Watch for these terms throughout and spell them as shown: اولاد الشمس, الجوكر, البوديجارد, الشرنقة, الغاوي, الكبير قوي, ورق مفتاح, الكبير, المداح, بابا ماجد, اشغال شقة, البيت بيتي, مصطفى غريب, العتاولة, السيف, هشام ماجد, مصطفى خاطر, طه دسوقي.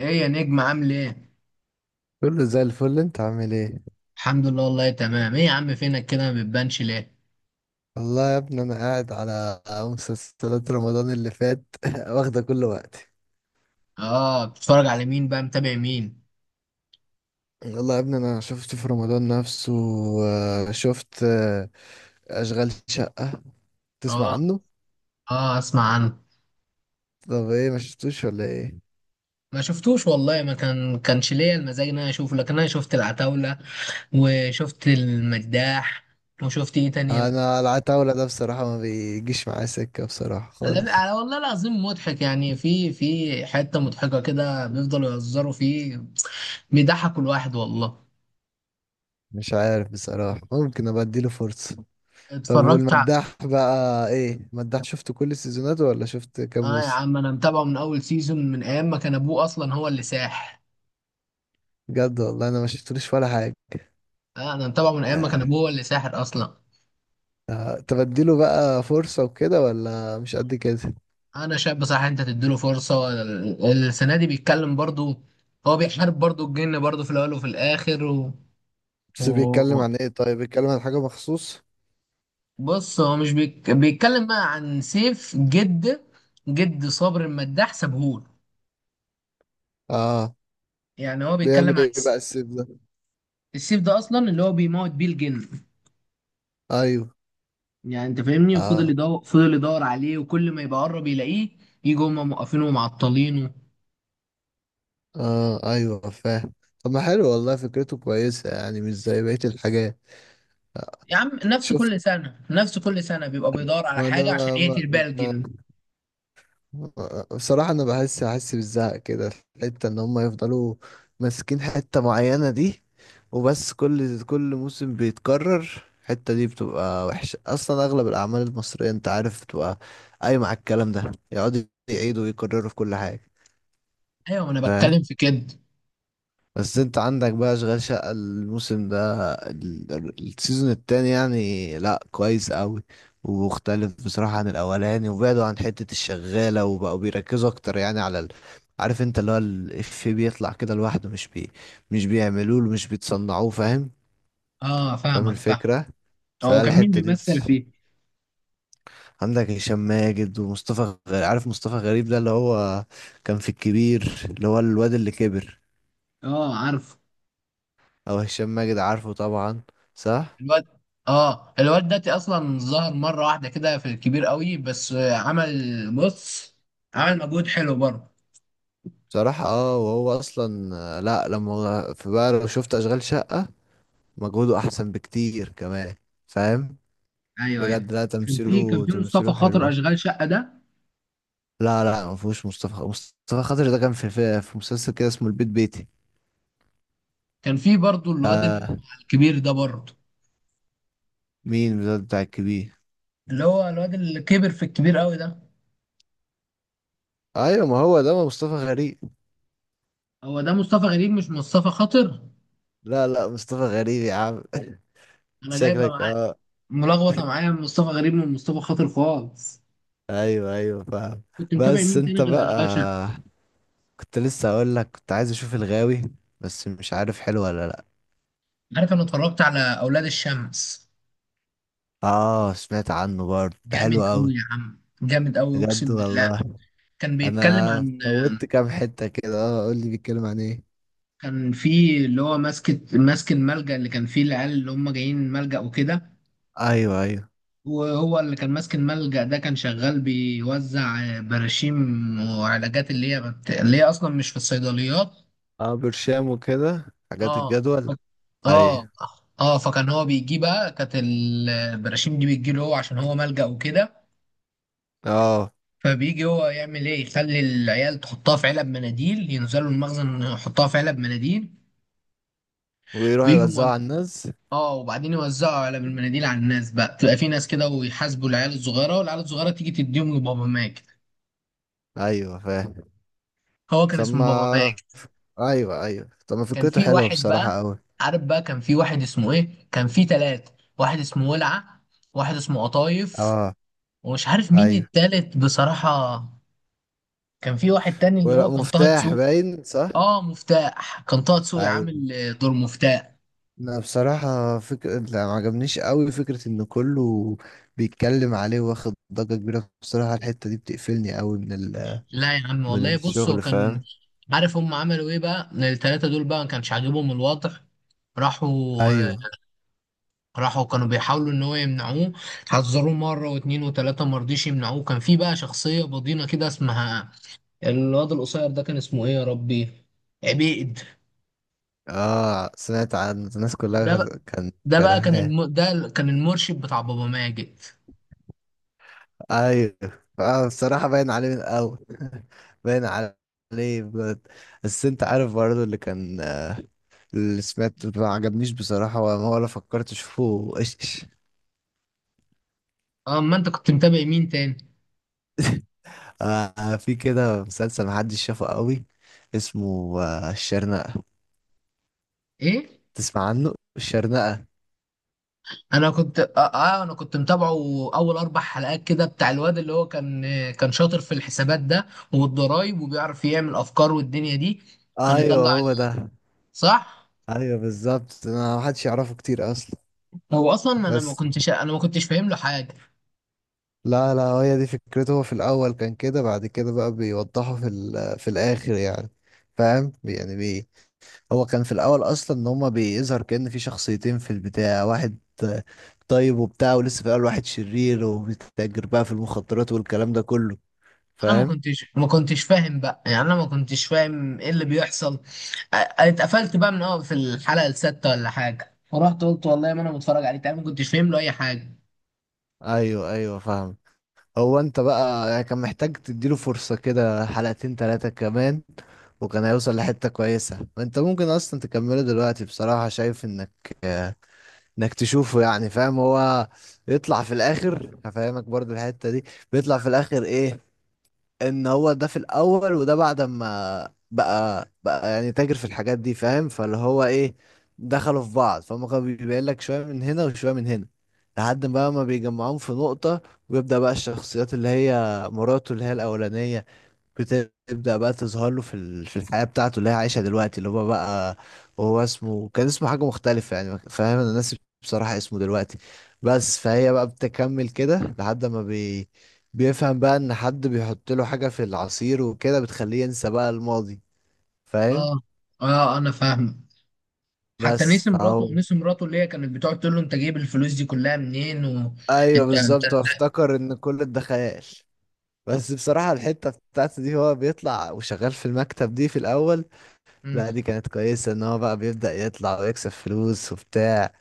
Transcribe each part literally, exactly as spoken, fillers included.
ايه يا نجم عامل ايه؟ كله زي الفل، انت عامل ايه؟ الحمد لله والله تمام، ايه يا عم فينك كده ما بتبانش ليه؟ والله يا ابني، انا قاعد على مسلسلات رمضان اللي فات واخده كل وقتي. اه، بتتفرج على مين بقى، متابع مين؟ والله يا ابني، انا شفت في رمضان نفسه. آه، شفت، آه، اشغال شقة، تسمع اه عنه؟ اه اسمع عنه. طب ايه، ما شفتوش ولا ايه؟ ما شفتوش والله، ما كان كانش ليا المزاج ان انا اشوفه، لكن انا شفت العتاولة وشفت المداح وشفت ايه تاني ال- انا العتاولة ده، بصراحة، ما بيجيش معايا سكة بصراحة خالص. لا، على والله العظيم مضحك يعني، في في حتة مضحكة كده بيفضلوا يهزروا فيه، بيضحكوا الواحد والله. مش عارف بصراحة، ممكن ابقى اديله فرصة. طب اتفرجت ع- والمداح بقى، ايه المداح؟ شفت كل السيزونات ولا شفت كام اه يا موسم؟ عم، انا متابعه من اول سيزون، من ايام ما كان ابوه اصلا هو اللي ساح. بجد والله، انا ما شفتلوش ولا حاجة. انا متابعه من ايام ما كان ابوه هو اللي ساحر اصلا. آه، تبديله بقى فرصة وكده ولا مش قد كده؟ انا شايف بصراحه انت تديله فرصه، ال- السنه دي بيتكلم برضو، هو بيحارب برضو الجن برضو في الاول وفي الاخر و... بس بيتكلم و... عن ايه؟ طيب بيتكلم عن حاجة مخصوص؟ بص، هو مش بيك... بيتكلم بقى عن سيف جد، جد صابر المداح سابهول. اه، يعني هو بيعمل بيتكلم عن ايه الس- بقى السيف ده؟ السيف ده اصلا اللي هو بيموت بيه الجن. ايوه. يعني انت فاهمني، وفضل اه. يدور فضل يدور عليه وكل ما يبقى قرب يلاقيه يجوا هم موقفينه ومعطلينه. اه، ايوه، فاهم. طب ما حلو والله، فكرته كويسة يعني، مش زي بقية الحاجات. يا عم، نفس شفت. كل سنة نفس كل سنة بيبقى بيدور على ما حاجة عشان انا ما, يقتل بيها ما الجن. بصراحة، أنا بحس أحس بالزهق كده في الحتة، إن هما يفضلوا ماسكين حتة معينة دي. وبس كل كل موسم بيتكرر، الحتة دي بتبقى وحشة أصلا. أغلب الأعمال المصرية أنت عارف بتبقى قايمة على الكلام ده، يقعدوا يعيدوا ويكرروا في كل حاجة. أيوة، ما أنا فاهم. بتكلم في كده. بس انت عندك بقى اشغال شقة، الموسم ده، ال- ال- السيزون التاني يعني، لا كويس قوي. ومختلف بصراحة عن الاولاني، وبعدوا عن حتة الشغالة، وبقوا بيركزوا اكتر يعني على ال... عارف انت اللي هو الإفيه بيطلع كده لوحده، مش بي... مش بيعملوه، مش بيتصنعوه، فاهم؟ أه، فاهم فاهمك فاهم. الفكرة، هو كان مين فالحتة دي بيمثل بس. فيه؟ عندك هشام ماجد ومصطفى غريب. عارف مصطفى غريب ده اللي هو كان في الكبير، اللي هو الواد اللي كبر. أه عارف. او هشام ماجد، عارفه طبعا. صح. الواد أه، الواد ده أصلا ظهر مرة واحدة كده في الكبير قوي، بس آه، عمل بص، عمل مجهود حلو برضه. بصراحة اه وهو اصلا، آه، لا لما في بقى، لو شفت اشغال شقة، مجهوده احسن بكتير كمان، فاهم؟ أيوه أيوه. بجد، لا، كان في كان تمثيله في مصطفى تمثيله حلو خاطر اه. أشغال شقة ده. لا لا، ما فيهوش مصطفى مصطفى خاطر ده كان في في, في مسلسل كده اسمه البيت بيتي. كان في برضه الواد اللي هو آه. مع الكبير ده برضه، مين ده بتاع الكبير؟ اللي هو الواد اللي كبر في الكبير قوي ده. ايوه، ما هو ده، ما مصطفى غريب. هو ده مصطفى غريب مش مصطفى خاطر. لا لا، مصطفى غريب يا عم أنا جايبه شكلك معاه، اه. ملخبطه معايا، من مصطفى غريب من مصطفى خاطر خالص. ايوه، ايوه، فاهم. كنت متابع بس مين تاني انت غير بقى، اشغال شقه؟ كنت لسه اقول لك، كنت عايز اشوف الغاوي، بس مش عارف حلو ولا لا. عارف، انا اتفرجت على اولاد الشمس. اه، سمعت عنه برضه، ده جامد حلو قوي؟ قوي يا عم، جامد قوي، بجد اقسم بالله. والله. كان بيتكلم انا عن، فوتت كام حتة كده، اه قول لي، بيتكلم عن ايه؟ كان في اللي هو ماسك ماسك الملجأ اللي كان فيه العيال اللي هم جايين ملجأ وكده. ايوه، ايوه. وهو اللي كان ماسك الملجأ ده كان شغال بيوزع براشيم وعلاجات اللي هي بت... اللي هي اصلا مش في الصيدليات. اه، برشام وكده، حاجات اه. ف- الجدول. اه ايوه. اه، فكان هو بيجي بقى، كانت البراشيم دي بتجي له هو عشان هو ملجأ وكده. اه، فبيجي هو يعمل ايه، يخلي العيال تحطها في علب مناديل، ينزلوا المخزن يحطها في علب مناديل ويروح ويجوا يوزعه موز... على الناس. اه، وبعدين يوزعوا علب المناديل على الناس بقى، تبقى في ناس كده ويحاسبوا العيال الصغيره، والعيال الصغيره تيجي تديهم لبابا ماجد. ايوه، فاهم. هو كان ثم. اسمه بابا ماجد. ايوه، ايوه، طب ما كان فكرته في حلوه واحد بقى، بصراحة قوي. عارف بقى، كان في واحد اسمه ايه، كان في ثلاثه. واحد اسمه ولعه، واحد اسمه قطايف، اه. ومش عارف مين ايوه، التالت بصراحة. كان في واحد تاني اللي ورق، هو كان طه مفتاح، دسوقي. باين صح. اه، مفتاح. كان طه دسوقي ايوه. عامل آه، دور مفتاح. لا بصراحة فكرة، لا ما عجبنيش قوي فكرة ان كله بيتكلم عليه، واخد ضجة كبيرة. بصراحة الحتة دي بتقفلني قوي من ال... لا يا عم، من والله بص هو الشغل، كان، فاهم؟ عارف هم عملوا ايه بقى التلاتة دول بقى ما كانش عاجبهم الوضع، راحوا آه، ايوه. راحوا كانوا بيحاولوا ان هو يمنعوه، حذروه مرة واتنين وتلاتة، ما رضيش يمنعوه. كان في بقى شخصية بضينة كده اسمها الواد القصير ده، كان اسمه ايه يا ربي، عبيد. اه، سمعت عن الناس ده كلها، بقى- كان ده بقى كان كرهاه. الم... ده كان المرشد بتاع بابا ماجد. ايوه. اه، بصراحة باين عليه من الاول باين عليه بجد. بس انت عارف برضه، اللي كان اللي سمعت ما عجبنيش بصراحة، ولا ولا فكرت اشوفه ايش؟ اه، ما انت كنت متابع مين تاني؟ آه، في كده مسلسل محدش شافه قوي، اسمه آه الشرنقة، ايه؟ تسمع عنه الشرنقة؟ انا كنت اه, آه انا كنت متابعه اول اربع حلقات كده، بتاع الواد اللي هو كان، كان شاطر في الحسابات ده والضرايب، وبيعرف يعمل افكار والدنيا دي، كان ايوه، يطلع هو ال- ده. صح. ايوه، بالظبط، انا محدش يعرفه كتير اصلا، هو اصلا انا ما بس. كنتش انا ما كنتش فاهم له حاجه. لا لا، هي دي فكرته. هو في الاول كان كده، بعد كده بقى بيوضحه في ال- في الاخر يعني، فاهم يعني بي هو كان في الاول اصلا، ان هما بيظهر كأن في شخصيتين، في البتاع واحد آه، طيب وبتاع، ولسه في الاول واحد شرير، وبيتاجر بقى في المخدرات والكلام ده كله، انا ما فاهم. كنتش ما كنتش فاهم بقى، يعني انا ما كنتش فاهم ايه اللي بيحصل. آه، اتقفلت بقى من اه، في الحلقه السادسه ولا حاجه، فرحت قلت والله ما انا متفرج عليه تاني، ما كنتش فاهم له اي حاجه. ايوه، ايوه، فاهم. هو انت بقى يعني كان محتاج تديله فرصة كده، حلقتين تلاتة كمان، وكان هيوصل لحتة كويسة. انت ممكن اصلا تكمله دلوقتي، بصراحة شايف انك انك تشوفه يعني، فاهم؟ هو يطلع في الاخر. هفهمك برضو الحتة دي. بيطلع في الاخر ايه؟ ان هو ده في الاول، وده بعد ما بقى بقى يعني تاجر في الحاجات دي، فاهم. فاللي هو ايه، دخلوا في بعض، فهم كانوا بيبين لك شويه من هنا وشويه من هنا، لحد ما ما بيجمعوهم في نقطه، ويبدا بقى الشخصيات اللي هي مراته اللي هي الاولانيه، بتبدأ بقى تظهر له في ال- في الحياة بتاعته اللي هي عايشها دلوقتي، اللي هو بقى، هو اسمه كان اسمه حاجة مختلفة يعني، فاهم. انا ناسي بصراحة اسمه دلوقتي، بس. فهي بقى بتكمل كده لحد ما بي بيفهم بقى ان حد بيحط له حاجة في العصير وكده بتخليه ينسى بقى الماضي، فاهم. اه اه، انا فاهم. حتى بس نسي مراته، فهو. نسي مراته اللي هي كانت بتقعد تقول له انت جايب الفلوس دي كلها منين ايوه، وانت انت. بالظبط، هو افتكر ان كل ده خيال. بس بصراحة الحتة بتاعته دي، هو بيطلع وشغال في المكتب دي في الأول. مم. لا دي كانت كويسة، ان هو بقى بيبدأ يطلع ويكسب فلوس وبتاع،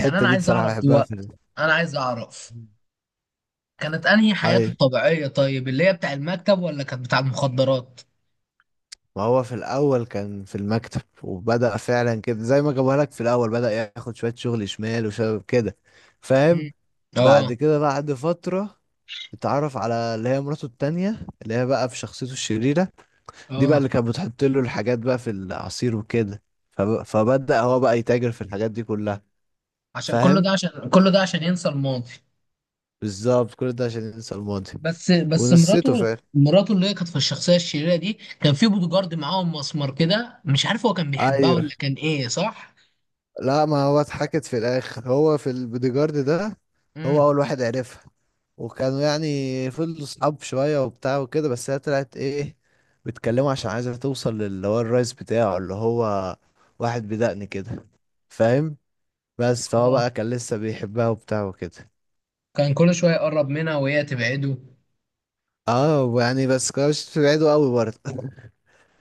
يعني انا دي عايز بصراحة اعرف بحبها في دلوقتي، ال... انا عايز اعرف كانت انهي حياته ايوه، الطبيعية طيب، اللي هي بتاع المكتب ولا كانت بتاع المخدرات. ما هو في الاول كان في المكتب، وبدأ فعلا كده زي ما جابوها لك في الاول، بدأ ياخد شوية شغل شمال وشباب كده، فاهم. مم. بعد اه. كده، بعد فترة، اتعرف على اللي هي مراته التانية، اللي هي بقى في شخصيته الشريرة. دي بقى اه، اللي كانت بتحط له الحاجات بقى في العصير وكده. فب... فبدأ هو بقى يتاجر في الحاجات دي كلها، عشان كل فاهم. ده عشان كل ده عشان ينسى الماضي. بالظبط كل ده عشان ينسى الماضي، بس بس ونسيته مراته، فعلا. مراته اللي هي كانت في الشخصية الشريرة دي، كان في بوديجارد معاهم مسمار كده، مش عارف هو كان بيحبها ولا ايوه. كان ايه، صح؟ لا، ما هو اتحكت في الاخر، هو في البوديجارد ده، هو امم. اول واحد عرفها. وكانوا يعني فضلوا صحاب شويه وبتاع وكده، بس هي طلعت ايه، بيتكلموا عشان عايزه توصل للي هو الرئيس بتاعه، اللي هو واحد بدقن كده، فاهم. بس فهو اه، بقى كان لسه بيحبها وبتاع وكده. كان كل شوية يقرب منها وهي تبعده. اه يعني، بس كانوش بعيدوا قوي برضه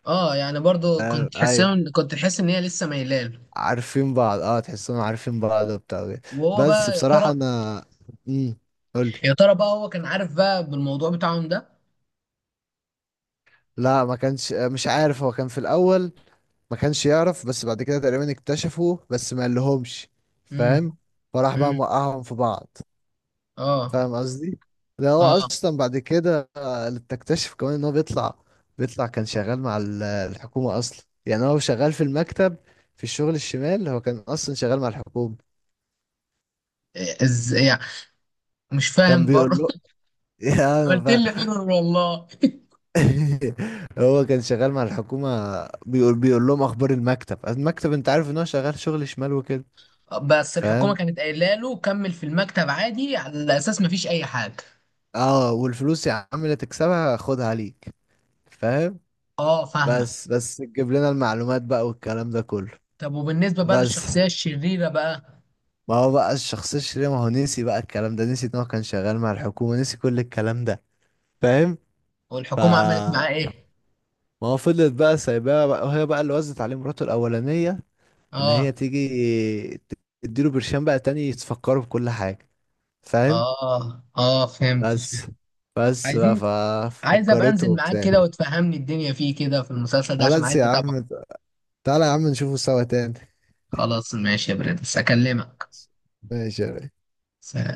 اه يعني، برضو فاهم كنت اي. حسن، كنت حاسس ان هي لسه ميلاله. عارفين بعض، اه تحسهم عارفين بعض وبتاع وكده. وهو بس بقى يا بصراحه ترى، انا، امم قول. يا ترى بقى هو كان عارف بقى بالموضوع بتاعهم ده. لا، ما كانش مش عارف، هو كان في الاول ما كانش يعرف، بس بعد كده تقريبا اكتشفوا، بس ما قالهمش، امم. فاهم. فراح بقى امم. موقعهم في بعض، اه. فاهم قصدي. ده هو اه، اصلا بعد كده، آه، تكتشف كمان ان هو بيطلع، بيطلع كان شغال مع ال- الحكومة اصلا، يعني هو شغال في المكتب، في الشغل الشمال، هو كان اصلا شغال مع الحكومة. ازاي يعني؟ مش كان فاهم بيقول برضه. له يا انا عملت بقى لي ايرور والله. هو كان شغال مع الحكومة، بيقول بيقول لهم اخبار المكتب. المكتب، انت عارف ان هو شغال شغل شمال وكده، بس الحكومه فاهم. كانت قايله له كمل في المكتب عادي، على اساس مفيش اي حاجه. اه، والفلوس يا عم اللي تكسبها خدها ليك، فاهم. اه فاهمه. بس بس تجيب لنا المعلومات بقى والكلام ده كله. طب وبالنسبه بقى بس للشخصيه الشريره بقى ما هو بقى الشخص الشرير، ما هو نسي بقى الكلام ده، نسي ان هو كان شغال مع الحكومة، نسي كل الكلام ده، فاهم. ف والحكومه عملت معاه ايه؟ ما هو فضلت بقى سايباها بقى، وهي بقى اللي وزت عليه مراته الأولانية، ان اه هي تيجي تديله برشام بقى تاني تفكره بكل حاجة، فاهم. اه اه فهمت فهمت. بس بس بقى عايزين، عايز ابقى ففكرته انزل معاك وبتاع. كده وتفهمني الدنيا فيه كده في المسلسل ده، عشان خلاص عايز يا اتابعه. عم. تعالى يا عم نشوفه سوا تاني. خلاص ماشي يا برنس، اكلمك. ماشي يا ريس. سلام.